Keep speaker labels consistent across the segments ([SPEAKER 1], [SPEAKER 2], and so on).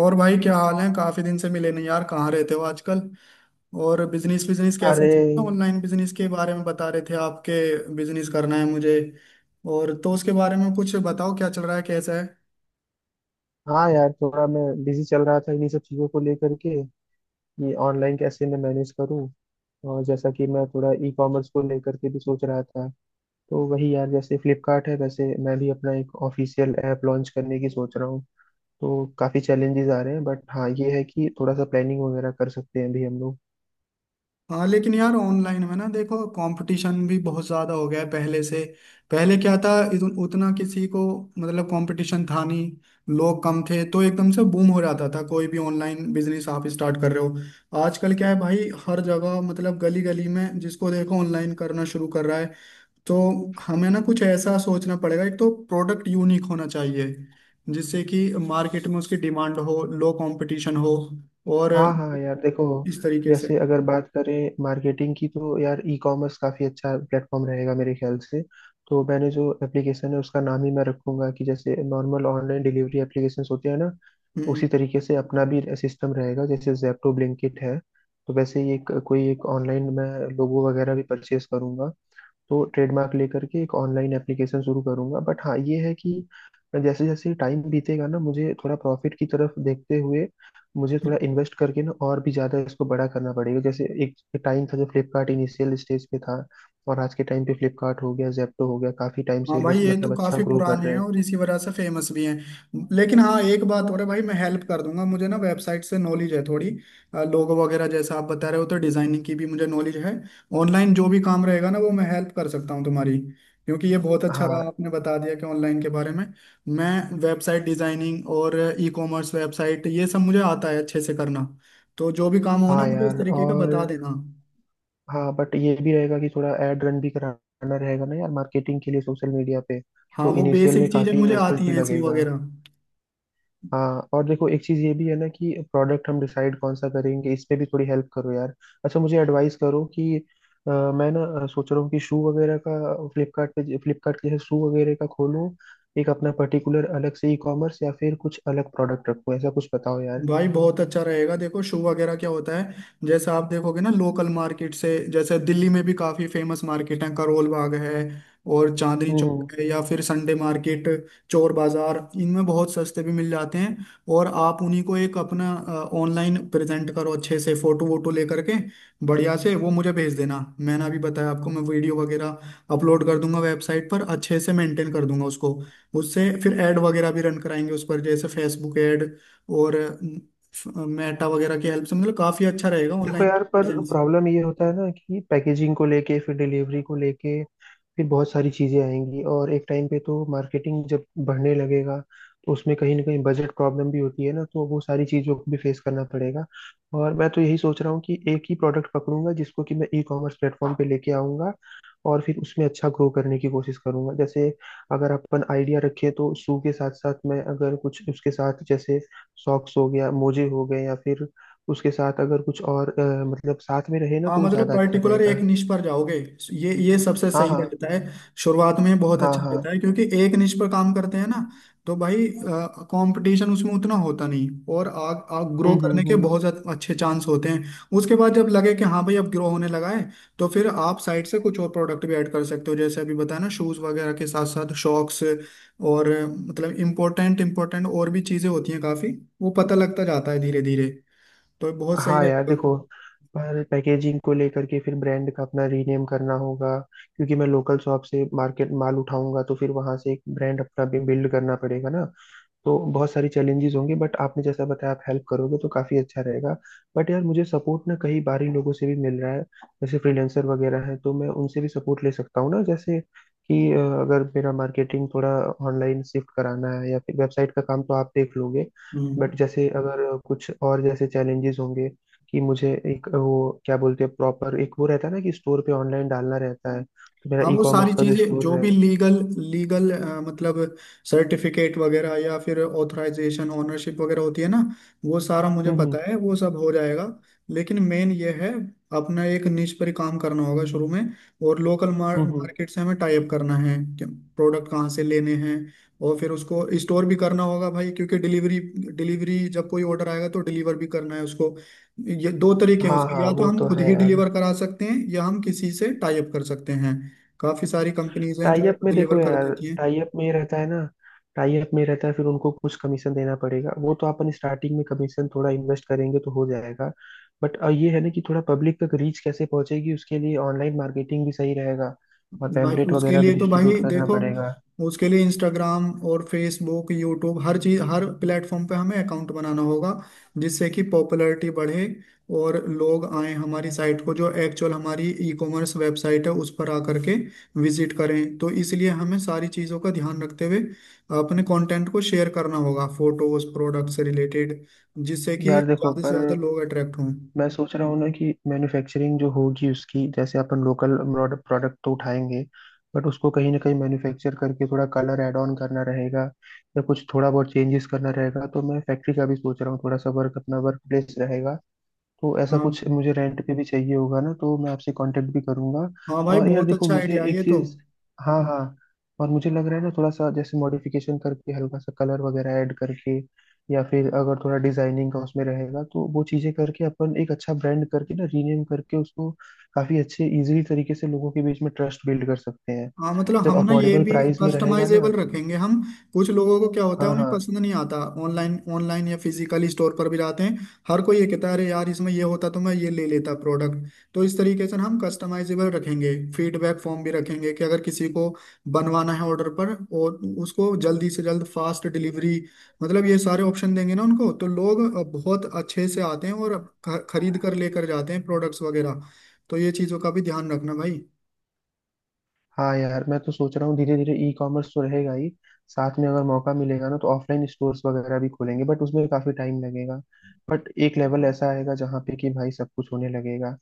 [SPEAKER 1] और भाई क्या हाल है? काफी दिन से मिले नहीं यार, कहाँ रहते हो आजकल? और बिजनेस बिजनेस कैसा
[SPEAKER 2] अरे
[SPEAKER 1] चल रहा है? ऑनलाइन बिजनेस के बारे में बता रहे थे आपके। बिजनेस करना है मुझे। और तो उसके बारे में कुछ बताओ, क्या चल रहा है, कैसा है?
[SPEAKER 2] हाँ यार, थोड़ा मैं बिजी चल रहा था इन्हीं सब चीज़ों को लेकर के। ये ऑनलाइन कैसे मैं मैनेज करूँ। और जैसा कि मैं थोड़ा ई कॉमर्स को लेकर के भी सोच रहा था, तो वही यार जैसे फ्लिपकार्ट है वैसे मैं भी अपना एक ऑफिशियल ऐप लॉन्च करने की सोच रहा हूँ। तो काफ़ी चैलेंजेस आ रहे हैं, बट हाँ ये है कि थोड़ा सा प्लानिंग वगैरह कर सकते हैं अभी हम लोग।
[SPEAKER 1] हाँ लेकिन यार ऑनलाइन में ना देखो, कंपटीशन भी बहुत ज़्यादा हो गया है पहले से। पहले क्या था, उतना किसी को, मतलब कंपटीशन था नहीं। लोग कम थे तो एकदम से बूम हो जाता था कोई भी ऑनलाइन बिजनेस आप स्टार्ट कर रहे हो। आजकल क्या है भाई, हर जगह मतलब गली गली में जिसको देखो ऑनलाइन करना शुरू कर रहा है। तो हमें ना कुछ ऐसा सोचना पड़ेगा, एक तो प्रोडक्ट यूनिक होना चाहिए जिससे कि मार्केट में उसकी डिमांड हो, लो कंपटीशन हो, और
[SPEAKER 2] हाँ हाँ यार, देखो
[SPEAKER 1] इस तरीके से।
[SPEAKER 2] जैसे अगर बात करें मार्केटिंग की, तो यार ई कॉमर्स काफ़ी अच्छा प्लेटफॉर्म रहेगा मेरे ख्याल से। तो मैंने जो एप्लीकेशन है उसका नाम ही मैं रखूंगा कि जैसे नॉर्मल ऑनलाइन डिलीवरी एप्लीकेशंस होते हैं ना,
[SPEAKER 1] हम्म।
[SPEAKER 2] उसी तरीके से अपना भी सिस्टम रहेगा, जैसे जैप्टो ब्लिंकिट है। तो वैसे ही एक कोई एक ऑनलाइन मैं लोगो वगैरह भी परचेज करूंगा। तो ट्रेडमार्क लेकर के एक ऑनलाइन एप्लीकेशन शुरू करूंगा, बट हाँ ये है कि जैसे जैसे टाइम बीतेगा ना, मुझे थोड़ा प्रॉफिट की तरफ देखते हुए मुझे थोड़ा इन्वेस्ट करके ना और भी ज्यादा इसको बड़ा करना पड़ेगा। जैसे एक टाइम था जब फ्लिपकार्ट इनिशियल स्टेज पे था, और आज के टाइम पे फ्लिपकार्ट हो गया जेप्टो हो गया, काफी टाइम
[SPEAKER 1] हाँ
[SPEAKER 2] से
[SPEAKER 1] भाई
[SPEAKER 2] लोग
[SPEAKER 1] ये तो
[SPEAKER 2] मतलब अच्छा
[SPEAKER 1] काफी
[SPEAKER 2] ग्रो कर
[SPEAKER 1] पुराने
[SPEAKER 2] रहे
[SPEAKER 1] हैं
[SPEAKER 2] हैं।
[SPEAKER 1] और इसी वजह से फेमस भी हैं। लेकिन हाँ एक बात और है भाई, मैं हेल्प कर दूंगा, मुझे ना वेबसाइट से नॉलेज है थोड़ी। लोगो वगैरह जैसा आप बता रहे हो, तो डिजाइनिंग की भी मुझे नॉलेज है। ऑनलाइन जो भी काम रहेगा ना वो मैं हेल्प कर सकता हूँ तुम्हारी, क्योंकि ये बहुत अच्छा रहा
[SPEAKER 2] हाँ
[SPEAKER 1] आपने बता दिया कि ऑनलाइन के बारे में। मैं वेबसाइट डिजाइनिंग और ई कॉमर्स वेबसाइट, ये सब मुझे आता है अच्छे से करना। तो जो भी काम हो ना,
[SPEAKER 2] हाँ
[SPEAKER 1] मुझे इस
[SPEAKER 2] यार,
[SPEAKER 1] तरीके का
[SPEAKER 2] और
[SPEAKER 1] बता देना।
[SPEAKER 2] हाँ बट ये भी रहेगा कि थोड़ा एड रन भी कराना रहेगा ना यार मार्केटिंग के लिए सोशल मीडिया पे।
[SPEAKER 1] हाँ
[SPEAKER 2] तो
[SPEAKER 1] वो
[SPEAKER 2] इनिशियल में
[SPEAKER 1] बेसिक चीजें
[SPEAKER 2] काफी
[SPEAKER 1] मुझे
[SPEAKER 2] इन्वेस्टमेंट
[SPEAKER 1] आती
[SPEAKER 2] भी
[SPEAKER 1] हैं, सी
[SPEAKER 2] लगेगा।
[SPEAKER 1] वगैरह।
[SPEAKER 2] हाँ, और देखो एक चीज ये भी है ना कि प्रोडक्ट हम डिसाइड कौन सा करेंगे, इस पे भी थोड़ी हेल्प करो यार। अच्छा मुझे एडवाइस करो कि मैं ना सोच रहा हूँ कि शू वगैरह का फ्लिपकार्ट जैसे शू वगैरह का खोलूँ। एक अपना पर्टिकुलर अलग से ई कॉमर्स या फिर कुछ अलग प्रोडक्ट रखूँ, ऐसा कुछ बताओ यार।
[SPEAKER 1] भाई बहुत अच्छा रहेगा, देखो शू वगैरह क्या होता है, जैसे आप देखोगे ना लोकल मार्केट से, जैसे दिल्ली में भी काफी फेमस मार्केट है, करोल बाग है और चांदनी
[SPEAKER 2] हम्म।
[SPEAKER 1] चौक है, या फिर संडे मार्केट, चोर बाजार, इनमें बहुत सस्ते भी मिल जाते हैं। और आप उन्हीं को एक अपना ऑनलाइन प्रेजेंट करो अच्छे से, फोटो वोटो लेकर के बढ़िया से वो मुझे भेज देना, मैंने अभी बताया आपको, मैं वीडियो वगैरह अपलोड कर दूंगा वेबसाइट पर, अच्छे से मेंटेन कर दूंगा उसको। उससे फिर ऐड वगैरह भी रन कराएंगे उस पर, जैसे फेसबुक ऐड और मेटा वगैरह की हेल्प से, मतलब काफी अच्छा रहेगा
[SPEAKER 2] देखो
[SPEAKER 1] ऑनलाइन
[SPEAKER 2] यार, पर
[SPEAKER 1] प्रेजेंस।
[SPEAKER 2] प्रॉब्लम ये होता है ना कि पैकेजिंग को लेके फिर डिलीवरी को लेके फिर बहुत सारी चीजें आएंगी, और एक टाइम पे तो मार्केटिंग जब बढ़ने लगेगा तो उसमें कहीं ना कहीं बजट प्रॉब्लम भी होती है ना, तो वो सारी चीजों को भी फेस करना पड़ेगा। और मैं तो यही सोच रहा हूँ कि एक ही प्रोडक्ट पकड़ूंगा जिसको कि मैं ई कॉमर्स प्लेटफॉर्म पे लेके आऊंगा, और फिर उसमें अच्छा ग्रो करने की कोशिश करूंगा। जैसे अगर अपन आइडिया रखें, तो शू के साथ साथ मैं अगर कुछ उसके साथ, जैसे सॉक्स हो गया मोजे हो गए, या फिर उसके साथ अगर कुछ और मतलब साथ में रहे ना
[SPEAKER 1] हाँ
[SPEAKER 2] तो वो
[SPEAKER 1] मतलब
[SPEAKER 2] ज्यादा अच्छा
[SPEAKER 1] पर्टिकुलर एक
[SPEAKER 2] रहेगा।
[SPEAKER 1] निश पर जाओगे, ये सबसे
[SPEAKER 2] हाँ
[SPEAKER 1] सही
[SPEAKER 2] हाँ
[SPEAKER 1] रहता है, शुरुआत में बहुत
[SPEAKER 2] हाँ
[SPEAKER 1] अच्छा रहता
[SPEAKER 2] हाँ।
[SPEAKER 1] है, क्योंकि एक निश पर काम करते हैं ना, तो भाई कंपटीशन उसमें उतना होता नहीं, और आग आग ग्रो करने के
[SPEAKER 2] हम्म।
[SPEAKER 1] बहुत ज्यादा अच्छे चांस होते हैं। उसके बाद जब लगे कि हाँ भाई अब ग्रो होने लगा है, तो फिर आप साइड से कुछ और प्रोडक्ट भी ऐड कर सकते हो, जैसे अभी बताया ना शूज वगैरह के साथ साथ शॉक्स और मतलब इम्पोर्टेंट इम्पोर्टेंट और भी चीजें होती हैं काफी। वो पता लगता जाता है धीरे धीरे, तो बहुत सही
[SPEAKER 2] हाँ यार,
[SPEAKER 1] रहेगा।
[SPEAKER 2] देखो पर पैकेजिंग को लेकर के फिर ब्रांड का अपना रीनेम करना होगा, क्योंकि मैं लोकल शॉप से मार्केट माल उठाऊंगा, तो फिर वहां से एक ब्रांड अपना बिल्ड करना पड़ेगा ना। तो बहुत सारी चैलेंजेस होंगे, बट आपने जैसा बताया आप हेल्प करोगे तो काफी अच्छा रहेगा। बट यार, मुझे सपोर्ट ना कई बार ही लोगों से भी मिल रहा है, जैसे फ्रीलांसर वगैरह हैं तो मैं उनसे भी सपोर्ट ले सकता हूँ ना। जैसे कि अगर मेरा मार्केटिंग थोड़ा ऑनलाइन शिफ्ट कराना है या फिर वेबसाइट का काम, तो आप देख लोगे। बट
[SPEAKER 1] हम्म।
[SPEAKER 2] जैसे अगर कुछ और जैसे चैलेंजेस होंगे कि मुझे एक वो क्या बोलते हैं प्रॉपर एक वो रहता है ना कि स्टोर पे ऑनलाइन डालना रहता है, तो मेरा
[SPEAKER 1] हाँ
[SPEAKER 2] ई
[SPEAKER 1] वो
[SPEAKER 2] कॉमर्स
[SPEAKER 1] सारी
[SPEAKER 2] का जो
[SPEAKER 1] चीजें जो
[SPEAKER 2] स्टोर है।
[SPEAKER 1] भी लीगल लीगल, मतलब सर्टिफिकेट वगैरह या फिर ऑथराइजेशन ओनरशिप वगैरह होती है ना, वो सारा मुझे
[SPEAKER 2] हम्म हम्म
[SPEAKER 1] पता है, वो सब हो जाएगा। लेकिन मेन ये है, अपना एक निश पर ही काम करना होगा शुरू में। और लोकल
[SPEAKER 2] हम्म, हम्म।
[SPEAKER 1] मार्केट से हमें टाई अप करना है कि प्रोडक्ट कहाँ से लेने हैं, और फिर उसको स्टोर भी करना होगा भाई, क्योंकि डिलीवरी डिलीवरी जब कोई ऑर्डर आएगा तो डिलीवर भी करना है उसको। ये दो तरीके हैं
[SPEAKER 2] हाँ
[SPEAKER 1] उसके,
[SPEAKER 2] हाँ,
[SPEAKER 1] या तो
[SPEAKER 2] वो
[SPEAKER 1] हम
[SPEAKER 2] तो
[SPEAKER 1] खुद
[SPEAKER 2] है
[SPEAKER 1] ही
[SPEAKER 2] यार।
[SPEAKER 1] डिलीवर करा सकते हैं या हम किसी से टाई अप कर सकते हैं, काफी सारी कंपनीज हैं
[SPEAKER 2] टाई
[SPEAKER 1] जो
[SPEAKER 2] अप में
[SPEAKER 1] डिलीवर
[SPEAKER 2] देखो
[SPEAKER 1] कर
[SPEAKER 2] यार,
[SPEAKER 1] देती हैं।
[SPEAKER 2] टाई अप में ये रहता है ना, टाई अप में रहता है फिर उनको कुछ कमीशन देना पड़ेगा, वो तो अपन स्टार्टिंग में कमीशन थोड़ा इन्वेस्ट करेंगे तो हो जाएगा। बट ये है ना कि थोड़ा पब्लिक तक रीच कैसे पहुंचेगी, उसके लिए ऑनलाइन मार्केटिंग भी सही रहेगा, और
[SPEAKER 1] भाई
[SPEAKER 2] पैम्पलेट
[SPEAKER 1] उसके
[SPEAKER 2] वगैरह भी
[SPEAKER 1] लिए तो भाई
[SPEAKER 2] डिस्ट्रीब्यूट करना
[SPEAKER 1] देखो,
[SPEAKER 2] पड़ेगा।
[SPEAKER 1] उसके लिए इंस्टाग्राम और फेसबुक, यूट्यूब, हर चीज हर प्लेटफॉर्म पे हमें अकाउंट बनाना होगा, जिससे कि पॉपुलैरिटी बढ़े और लोग आए हमारी साइट को, जो एक्चुअल हमारी ई कॉमर्स वेबसाइट है उस पर आकर के विजिट करें। तो इसलिए हमें सारी चीज़ों का ध्यान रखते हुए अपने कंटेंट को शेयर करना होगा, फोटोज प्रोडक्ट से रिलेटेड, जिससे कि
[SPEAKER 2] यार देखो,
[SPEAKER 1] ज़्यादा से
[SPEAKER 2] पर
[SPEAKER 1] ज़्यादा लोग अट्रैक्ट हों।
[SPEAKER 2] मैं सोच रहा हूँ ना कि मैन्युफैक्चरिंग जो होगी उसकी, जैसे अपन लोकल प्रोडक्ट तो उठाएंगे, बट उसको कहीं ना कहीं मैन्युफैक्चर करके थोड़ा कलर ऐड ऑन करना रहेगा, या कुछ थोड़ा बहुत चेंजेस करना रहेगा, तो मैं फैक्ट्री का भी सोच रहा हूँ। थोड़ा सा वर्क अपना वर्क प्लेस रहेगा, तो ऐसा
[SPEAKER 1] हाँ।
[SPEAKER 2] कुछ मुझे रेंट पे भी चाहिए होगा ना, तो मैं आपसे कांटेक्ट भी करूंगा।
[SPEAKER 1] हाँ भाई
[SPEAKER 2] और यार
[SPEAKER 1] बहुत
[SPEAKER 2] देखो,
[SPEAKER 1] अच्छा
[SPEAKER 2] मुझे
[SPEAKER 1] आइडिया है
[SPEAKER 2] एक
[SPEAKER 1] ये तो।
[SPEAKER 2] चीज। हाँ हाँ। और मुझे लग रहा है ना, थोड़ा सा जैसे मॉडिफिकेशन करके हल्का सा कलर वगैरह ऐड करके या फिर अगर थोड़ा डिजाइनिंग का उसमें रहेगा तो वो चीजें करके अपन एक अच्छा ब्रांड करके ना रीनेम करके उसको, काफी अच्छे इजीली तरीके से लोगों के बीच में ट्रस्ट बिल्ड कर सकते हैं,
[SPEAKER 1] हाँ मतलब
[SPEAKER 2] जब
[SPEAKER 1] हम ना ये
[SPEAKER 2] अफोर्डेबल
[SPEAKER 1] भी
[SPEAKER 2] प्राइस में रहेगा ना।
[SPEAKER 1] कस्टमाइजेबल रखेंगे हम, कुछ लोगों को क्या होता है
[SPEAKER 2] हाँ
[SPEAKER 1] उन्हें
[SPEAKER 2] हाँ।
[SPEAKER 1] पसंद नहीं आता, ऑनलाइन ऑनलाइन या फिजिकली स्टोर पर भी जाते हैं हर कोई, ये कहता है अरे यार इसमें ये होता तो मैं ये ले लेता प्रोडक्ट। तो इस तरीके से ना हम कस्टमाइजेबल रखेंगे, फीडबैक फॉर्म भी रखेंगे कि अगर किसी को बनवाना है ऑर्डर पर, और उसको जल्दी से जल्द फास्ट डिलीवरी, मतलब ये सारे ऑप्शन देंगे ना उनको, तो लोग बहुत अच्छे से आते हैं और खरीद कर लेकर जाते हैं प्रोडक्ट्स वगैरह। तो ये चीज़ों का भी ध्यान रखना भाई।
[SPEAKER 2] हाँ यार, मैं तो सोच रहा हूँ धीरे धीरे ई कॉमर्स तो रहेगा ही, साथ में अगर मौका मिलेगा ना तो ऑफलाइन स्टोर्स वगैरह भी खोलेंगे, बट उसमें काफी टाइम लगेगा। बट एक लेवल ऐसा आएगा जहाँ पे कि भाई सब कुछ होने लगेगा,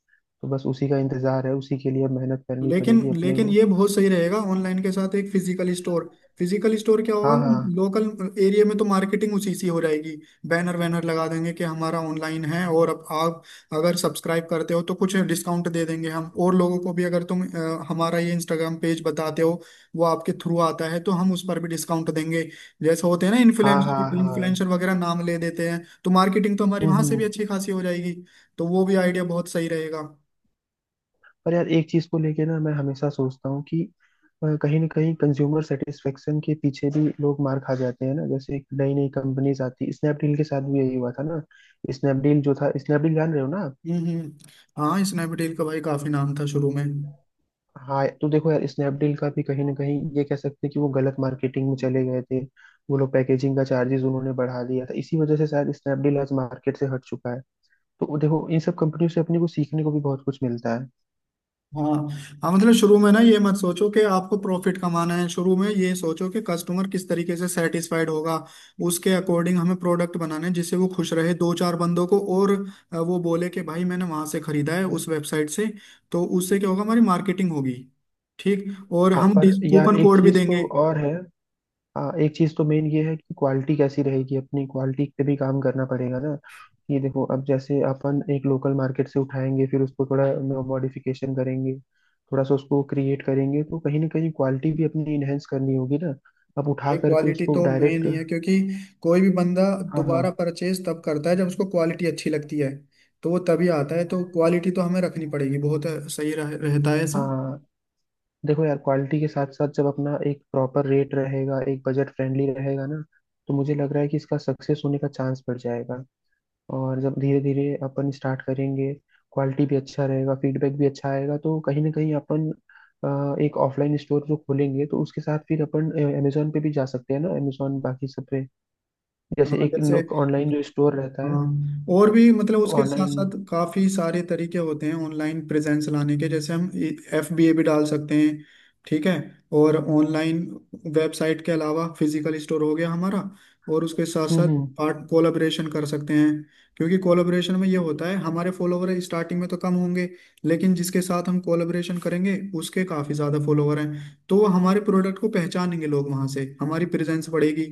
[SPEAKER 2] तो बस उसी का इंतजार है, उसी के लिए अब मेहनत करनी
[SPEAKER 1] लेकिन
[SPEAKER 2] पड़ेगी अपने
[SPEAKER 1] लेकिन
[SPEAKER 2] को।
[SPEAKER 1] ये बहुत सही रहेगा ऑनलाइन के साथ एक फिजिकल स्टोर। फिजिकल स्टोर क्या होगा,
[SPEAKER 2] हाँ हाँ
[SPEAKER 1] लोकल एरिया में तो मार्केटिंग उसी सी हो जाएगी, बैनर वैनर लगा देंगे कि हमारा ऑनलाइन है, और अब आप अगर सब्सक्राइब करते हो तो कुछ डिस्काउंट दे देंगे हम। और लोगों को भी अगर तुम हमारा ये इंस्टाग्राम पेज बताते हो, वो आपके थ्रू आता है तो हम उस पर भी डिस्काउंट देंगे, जैसे होते हैं ना
[SPEAKER 2] हाँ हाँ
[SPEAKER 1] इन्फ्लुएंसर
[SPEAKER 2] हाँ।
[SPEAKER 1] इन्फ्लुएंसर वगैरह नाम ले देते हैं तो मार्केटिंग तो हमारी
[SPEAKER 2] हम्म
[SPEAKER 1] वहां से
[SPEAKER 2] हम्म।
[SPEAKER 1] भी अच्छी खासी हो जाएगी। तो वो भी आइडिया बहुत सही रहेगा।
[SPEAKER 2] पर यार, एक चीज को लेके ना मैं हमेशा सोचता हूँ कि कहीं ना कहीं कंज्यूमर सेटिस्फेक्शन के पीछे भी लोग मार खा जाते हैं ना। जैसे नई नई कंपनीज आती, स्नैपडील के साथ भी यही हुआ था ना। स्नैपडील जो था, स्नैपडील जान रहे हो ना।
[SPEAKER 1] हम्म। हम्म। हाँ स्नैपडील का भाई काफी नाम था शुरू में।
[SPEAKER 2] हाँ, तो देखो यार स्नैपडील का भी कहीं ना कहीं ये कह सकते हैं कि वो गलत मार्केटिंग में चले गए थे। वो लोग पैकेजिंग का चार्जेस उन्होंने बढ़ा दिया था, इसी वजह से शायद स्नैपडील आज मार्केट से हट चुका है। तो देखो इन सब कंपनियों से अपने को सीखने को भी बहुत कुछ मिलता है।
[SPEAKER 1] हाँ। हाँ मतलब शुरू में ना ये मत सोचो कि आपको प्रॉफिट कमाना है, शुरू में ये सोचो कि कस्टमर किस तरीके से सेटिस्फाइड होगा, उसके अकॉर्डिंग हमें प्रोडक्ट बनाना है, जिससे वो खुश रहे दो चार बंदों को, और वो बोले कि भाई मैंने वहां से खरीदा है उस वेबसाइट से, तो उससे क्या होगा, हमारी मार्केटिंग होगी। ठीक। और
[SPEAKER 2] हाँ
[SPEAKER 1] हम
[SPEAKER 2] पर यार
[SPEAKER 1] कूपन
[SPEAKER 2] एक
[SPEAKER 1] कोड भी
[SPEAKER 2] चीज
[SPEAKER 1] देंगे।
[SPEAKER 2] तो और है। हाँ एक चीज तो मेन ये है कि क्वालिटी कैसी रहेगी, अपनी क्वालिटी पे भी काम करना पड़ेगा ना। ये देखो, अब जैसे अपन एक लोकल मार्केट से उठाएंगे फिर उसको थोड़ा मॉडिफिकेशन करेंगे, थोड़ा सा उसको क्रिएट करेंगे, तो कहीं ना कहीं क्वालिटी भी अपनी इनहेंस करनी होगी ना। अब उठा
[SPEAKER 1] भाई
[SPEAKER 2] करके
[SPEAKER 1] क्वालिटी
[SPEAKER 2] उसको
[SPEAKER 1] तो मेन
[SPEAKER 2] डायरेक्ट।
[SPEAKER 1] ही है, क्योंकि कोई भी बंदा
[SPEAKER 2] हाँ हाँ।
[SPEAKER 1] दोबारा परचेज तब करता है जब उसको क्वालिटी अच्छी लगती है, तो वो तभी आता है, तो क्वालिटी तो हमें रखनी पड़ेगी। बहुत सही रहता है ऐसा।
[SPEAKER 2] हाँ देखो यार, क्वालिटी के साथ साथ जब अपना एक प्रॉपर रेट रहेगा, एक बजट फ्रेंडली रहेगा ना, तो मुझे लग रहा है कि इसका सक्सेस होने का चांस बढ़ जाएगा। और जब धीरे धीरे अपन स्टार्ट करेंगे, क्वालिटी भी अच्छा रहेगा फीडबैक भी अच्छा आएगा, तो कहीं ना कहीं अपन एक ऑफलाइन स्टोर जो खोलेंगे तो उसके साथ फिर अपन अमेजोन पे भी जा सकते हैं ना, अमेजोन बाकी सब पे, जैसे
[SPEAKER 1] हाँ जैसे,
[SPEAKER 2] एक ऑनलाइन जो स्टोर रहता है।
[SPEAKER 1] हाँ और भी, मतलब
[SPEAKER 2] तो
[SPEAKER 1] उसके साथ
[SPEAKER 2] ऑनलाइन।
[SPEAKER 1] साथ काफी सारे तरीके होते हैं ऑनलाइन प्रेजेंस लाने के, जैसे हम एफ बी ए भी डाल सकते हैं। ठीक है। और ऑनलाइन वेबसाइट के अलावा फिजिकल स्टोर हो गया हमारा, और उसके साथ साथ
[SPEAKER 2] हम्म।
[SPEAKER 1] पार्ट कोलाबरेशन कर सकते हैं। क्योंकि कोलाबरेशन में ये होता है, हमारे फॉलोवर स्टार्टिंग में तो कम होंगे, लेकिन जिसके साथ हम कोलाबरेशन करेंगे उसके काफी ज्यादा फॉलोवर हैं, तो वो हमारे प्रोडक्ट को पहचानेंगे लोग, वहां से हमारी प्रेजेंस बढ़ेगी,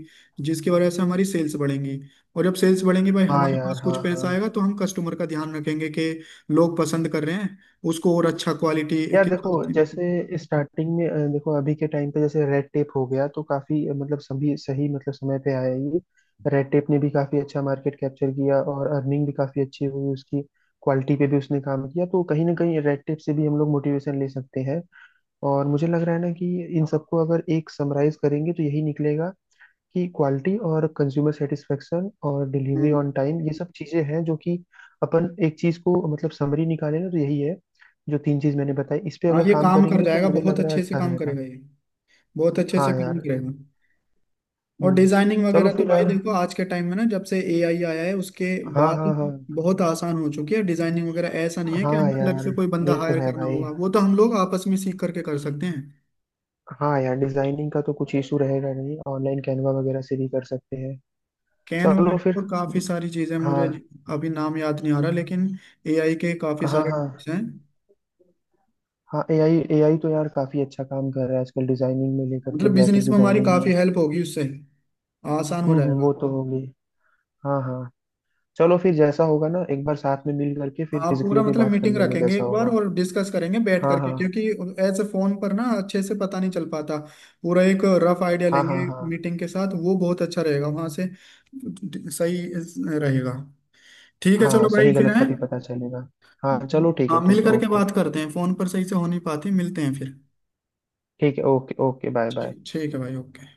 [SPEAKER 1] जिसकी वजह से हमारी सेल्स बढ़ेंगी। और जब सेल्स बढ़ेंगे भाई
[SPEAKER 2] हाँ
[SPEAKER 1] हमारे
[SPEAKER 2] यार।
[SPEAKER 1] पास कुछ
[SPEAKER 2] हाँ हाँ
[SPEAKER 1] पैसा आएगा, तो हम कस्टमर का ध्यान रखेंगे कि लोग पसंद कर रहे हैं उसको, और अच्छा क्वालिटी
[SPEAKER 2] यार
[SPEAKER 1] के
[SPEAKER 2] देखो,
[SPEAKER 1] साथ।
[SPEAKER 2] जैसे स्टार्टिंग में देखो अभी के टाइम पे जैसे रेड टेप हो गया, तो काफी मतलब सभी सही मतलब समय पे आया ये। रेड टेप ने भी काफी अच्छा मार्केट कैप्चर किया और अर्निंग भी काफी अच्छी हुई उसकी, क्वालिटी पे भी उसने काम किया, तो कहीं ना कहीं रेड टेप से भी हम लोग मोटिवेशन ले सकते हैं। और मुझे लग रहा है ना कि इन सबको अगर एक समराइज करेंगे तो यही निकलेगा, कि क्वालिटी और कंज्यूमर सेटिस्फेक्शन और डिलीवरी
[SPEAKER 1] हम्म।
[SPEAKER 2] ऑन टाइम, ये सब चीज़ें हैं जो कि अपन एक चीज़ को मतलब समरी निकाले ना तो यही है। जो तीन चीज़ मैंने बताई इस पे
[SPEAKER 1] हाँ
[SPEAKER 2] अगर
[SPEAKER 1] ये
[SPEAKER 2] काम
[SPEAKER 1] काम कर
[SPEAKER 2] करेंगे, तो
[SPEAKER 1] जाएगा,
[SPEAKER 2] मुझे
[SPEAKER 1] बहुत
[SPEAKER 2] लग रहा है
[SPEAKER 1] अच्छे से
[SPEAKER 2] अच्छा
[SPEAKER 1] काम
[SPEAKER 2] रहेगा।
[SPEAKER 1] करेगा ये, बहुत अच्छे
[SPEAKER 2] हाँ
[SPEAKER 1] से काम
[SPEAKER 2] यार।
[SPEAKER 1] करेगा। और
[SPEAKER 2] हम्म।
[SPEAKER 1] डिजाइनिंग
[SPEAKER 2] चलो
[SPEAKER 1] वगैरह तो
[SPEAKER 2] फिर
[SPEAKER 1] भाई
[SPEAKER 2] यार।
[SPEAKER 1] देखो आज के टाइम में ना, जब से एआई आया है उसके
[SPEAKER 2] हाँ
[SPEAKER 1] बाद
[SPEAKER 2] हाँ हाँ।
[SPEAKER 1] बहुत आसान हो चुकी है डिजाइनिंग वगैरह। ऐसा नहीं है कि
[SPEAKER 2] हाँ
[SPEAKER 1] हमें अलग
[SPEAKER 2] यार
[SPEAKER 1] से कोई बंदा
[SPEAKER 2] ये तो
[SPEAKER 1] हायर
[SPEAKER 2] है
[SPEAKER 1] करना
[SPEAKER 2] भाई।
[SPEAKER 1] होगा, वो तो हम लोग आपस में सीख करके कर सकते हैं।
[SPEAKER 2] हाँ यार, डिजाइनिंग का तो कुछ इशू रहेगा नहीं, ऑनलाइन कैनवा वगैरह से भी कर सकते हैं।
[SPEAKER 1] कैनवा है
[SPEAKER 2] चलो फिर।
[SPEAKER 1] और काफी सारी चीजें मुझे
[SPEAKER 2] हाँ
[SPEAKER 1] अभी नाम याद नहीं आ रहा, लेकिन एआई के काफी
[SPEAKER 2] हाँ।
[SPEAKER 1] सारे
[SPEAKER 2] हाँ
[SPEAKER 1] tools हैं,
[SPEAKER 2] हाँ AI AI तो यार काफी अच्छा काम कर रहा है आजकल डिजाइनिंग में, लेकर के
[SPEAKER 1] मतलब
[SPEAKER 2] ग्राफिक
[SPEAKER 1] बिजनेस में हमारी
[SPEAKER 2] डिजाइनिंग में।
[SPEAKER 1] काफी हेल्प होगी उससे, आसान हो
[SPEAKER 2] वो
[SPEAKER 1] जाएगा।
[SPEAKER 2] तो होगी। हाँ हाँ। चलो फिर, जैसा होगा ना एक बार साथ में मिल करके फिर
[SPEAKER 1] हाँ
[SPEAKER 2] फिजिकली
[SPEAKER 1] पूरा
[SPEAKER 2] भी
[SPEAKER 1] मतलब
[SPEAKER 2] बात कर
[SPEAKER 1] मीटिंग
[SPEAKER 2] लेंगे
[SPEAKER 1] रखेंगे
[SPEAKER 2] जैसा
[SPEAKER 1] एक बार
[SPEAKER 2] होगा।
[SPEAKER 1] और डिस्कस करेंगे बैठ
[SPEAKER 2] हाँ
[SPEAKER 1] करके,
[SPEAKER 2] हाँ
[SPEAKER 1] क्योंकि ऐसे फोन पर ना अच्छे से पता नहीं चल पाता। पूरा एक रफ आइडिया
[SPEAKER 2] हाँ हाँ
[SPEAKER 1] लेंगे
[SPEAKER 2] हाँ।
[SPEAKER 1] मीटिंग के साथ, वो बहुत अच्छा रहेगा वहां से, सही रहेगा। ठीक है, चलो
[SPEAKER 2] हाँ
[SPEAKER 1] भाई
[SPEAKER 2] सही
[SPEAKER 1] फिर
[SPEAKER 2] गलत
[SPEAKER 1] है,
[SPEAKER 2] का भी पता चलेगा। हाँ चलो,
[SPEAKER 1] हाँ मिल
[SPEAKER 2] ठीक है
[SPEAKER 1] करके
[SPEAKER 2] ओके।
[SPEAKER 1] बात करते हैं, फोन पर सही से हो नहीं पाती, मिलते हैं फिर।
[SPEAKER 2] ठीक है ओके ओके, बाय बाय।
[SPEAKER 1] ठीक, ठीक है भाई, ओके।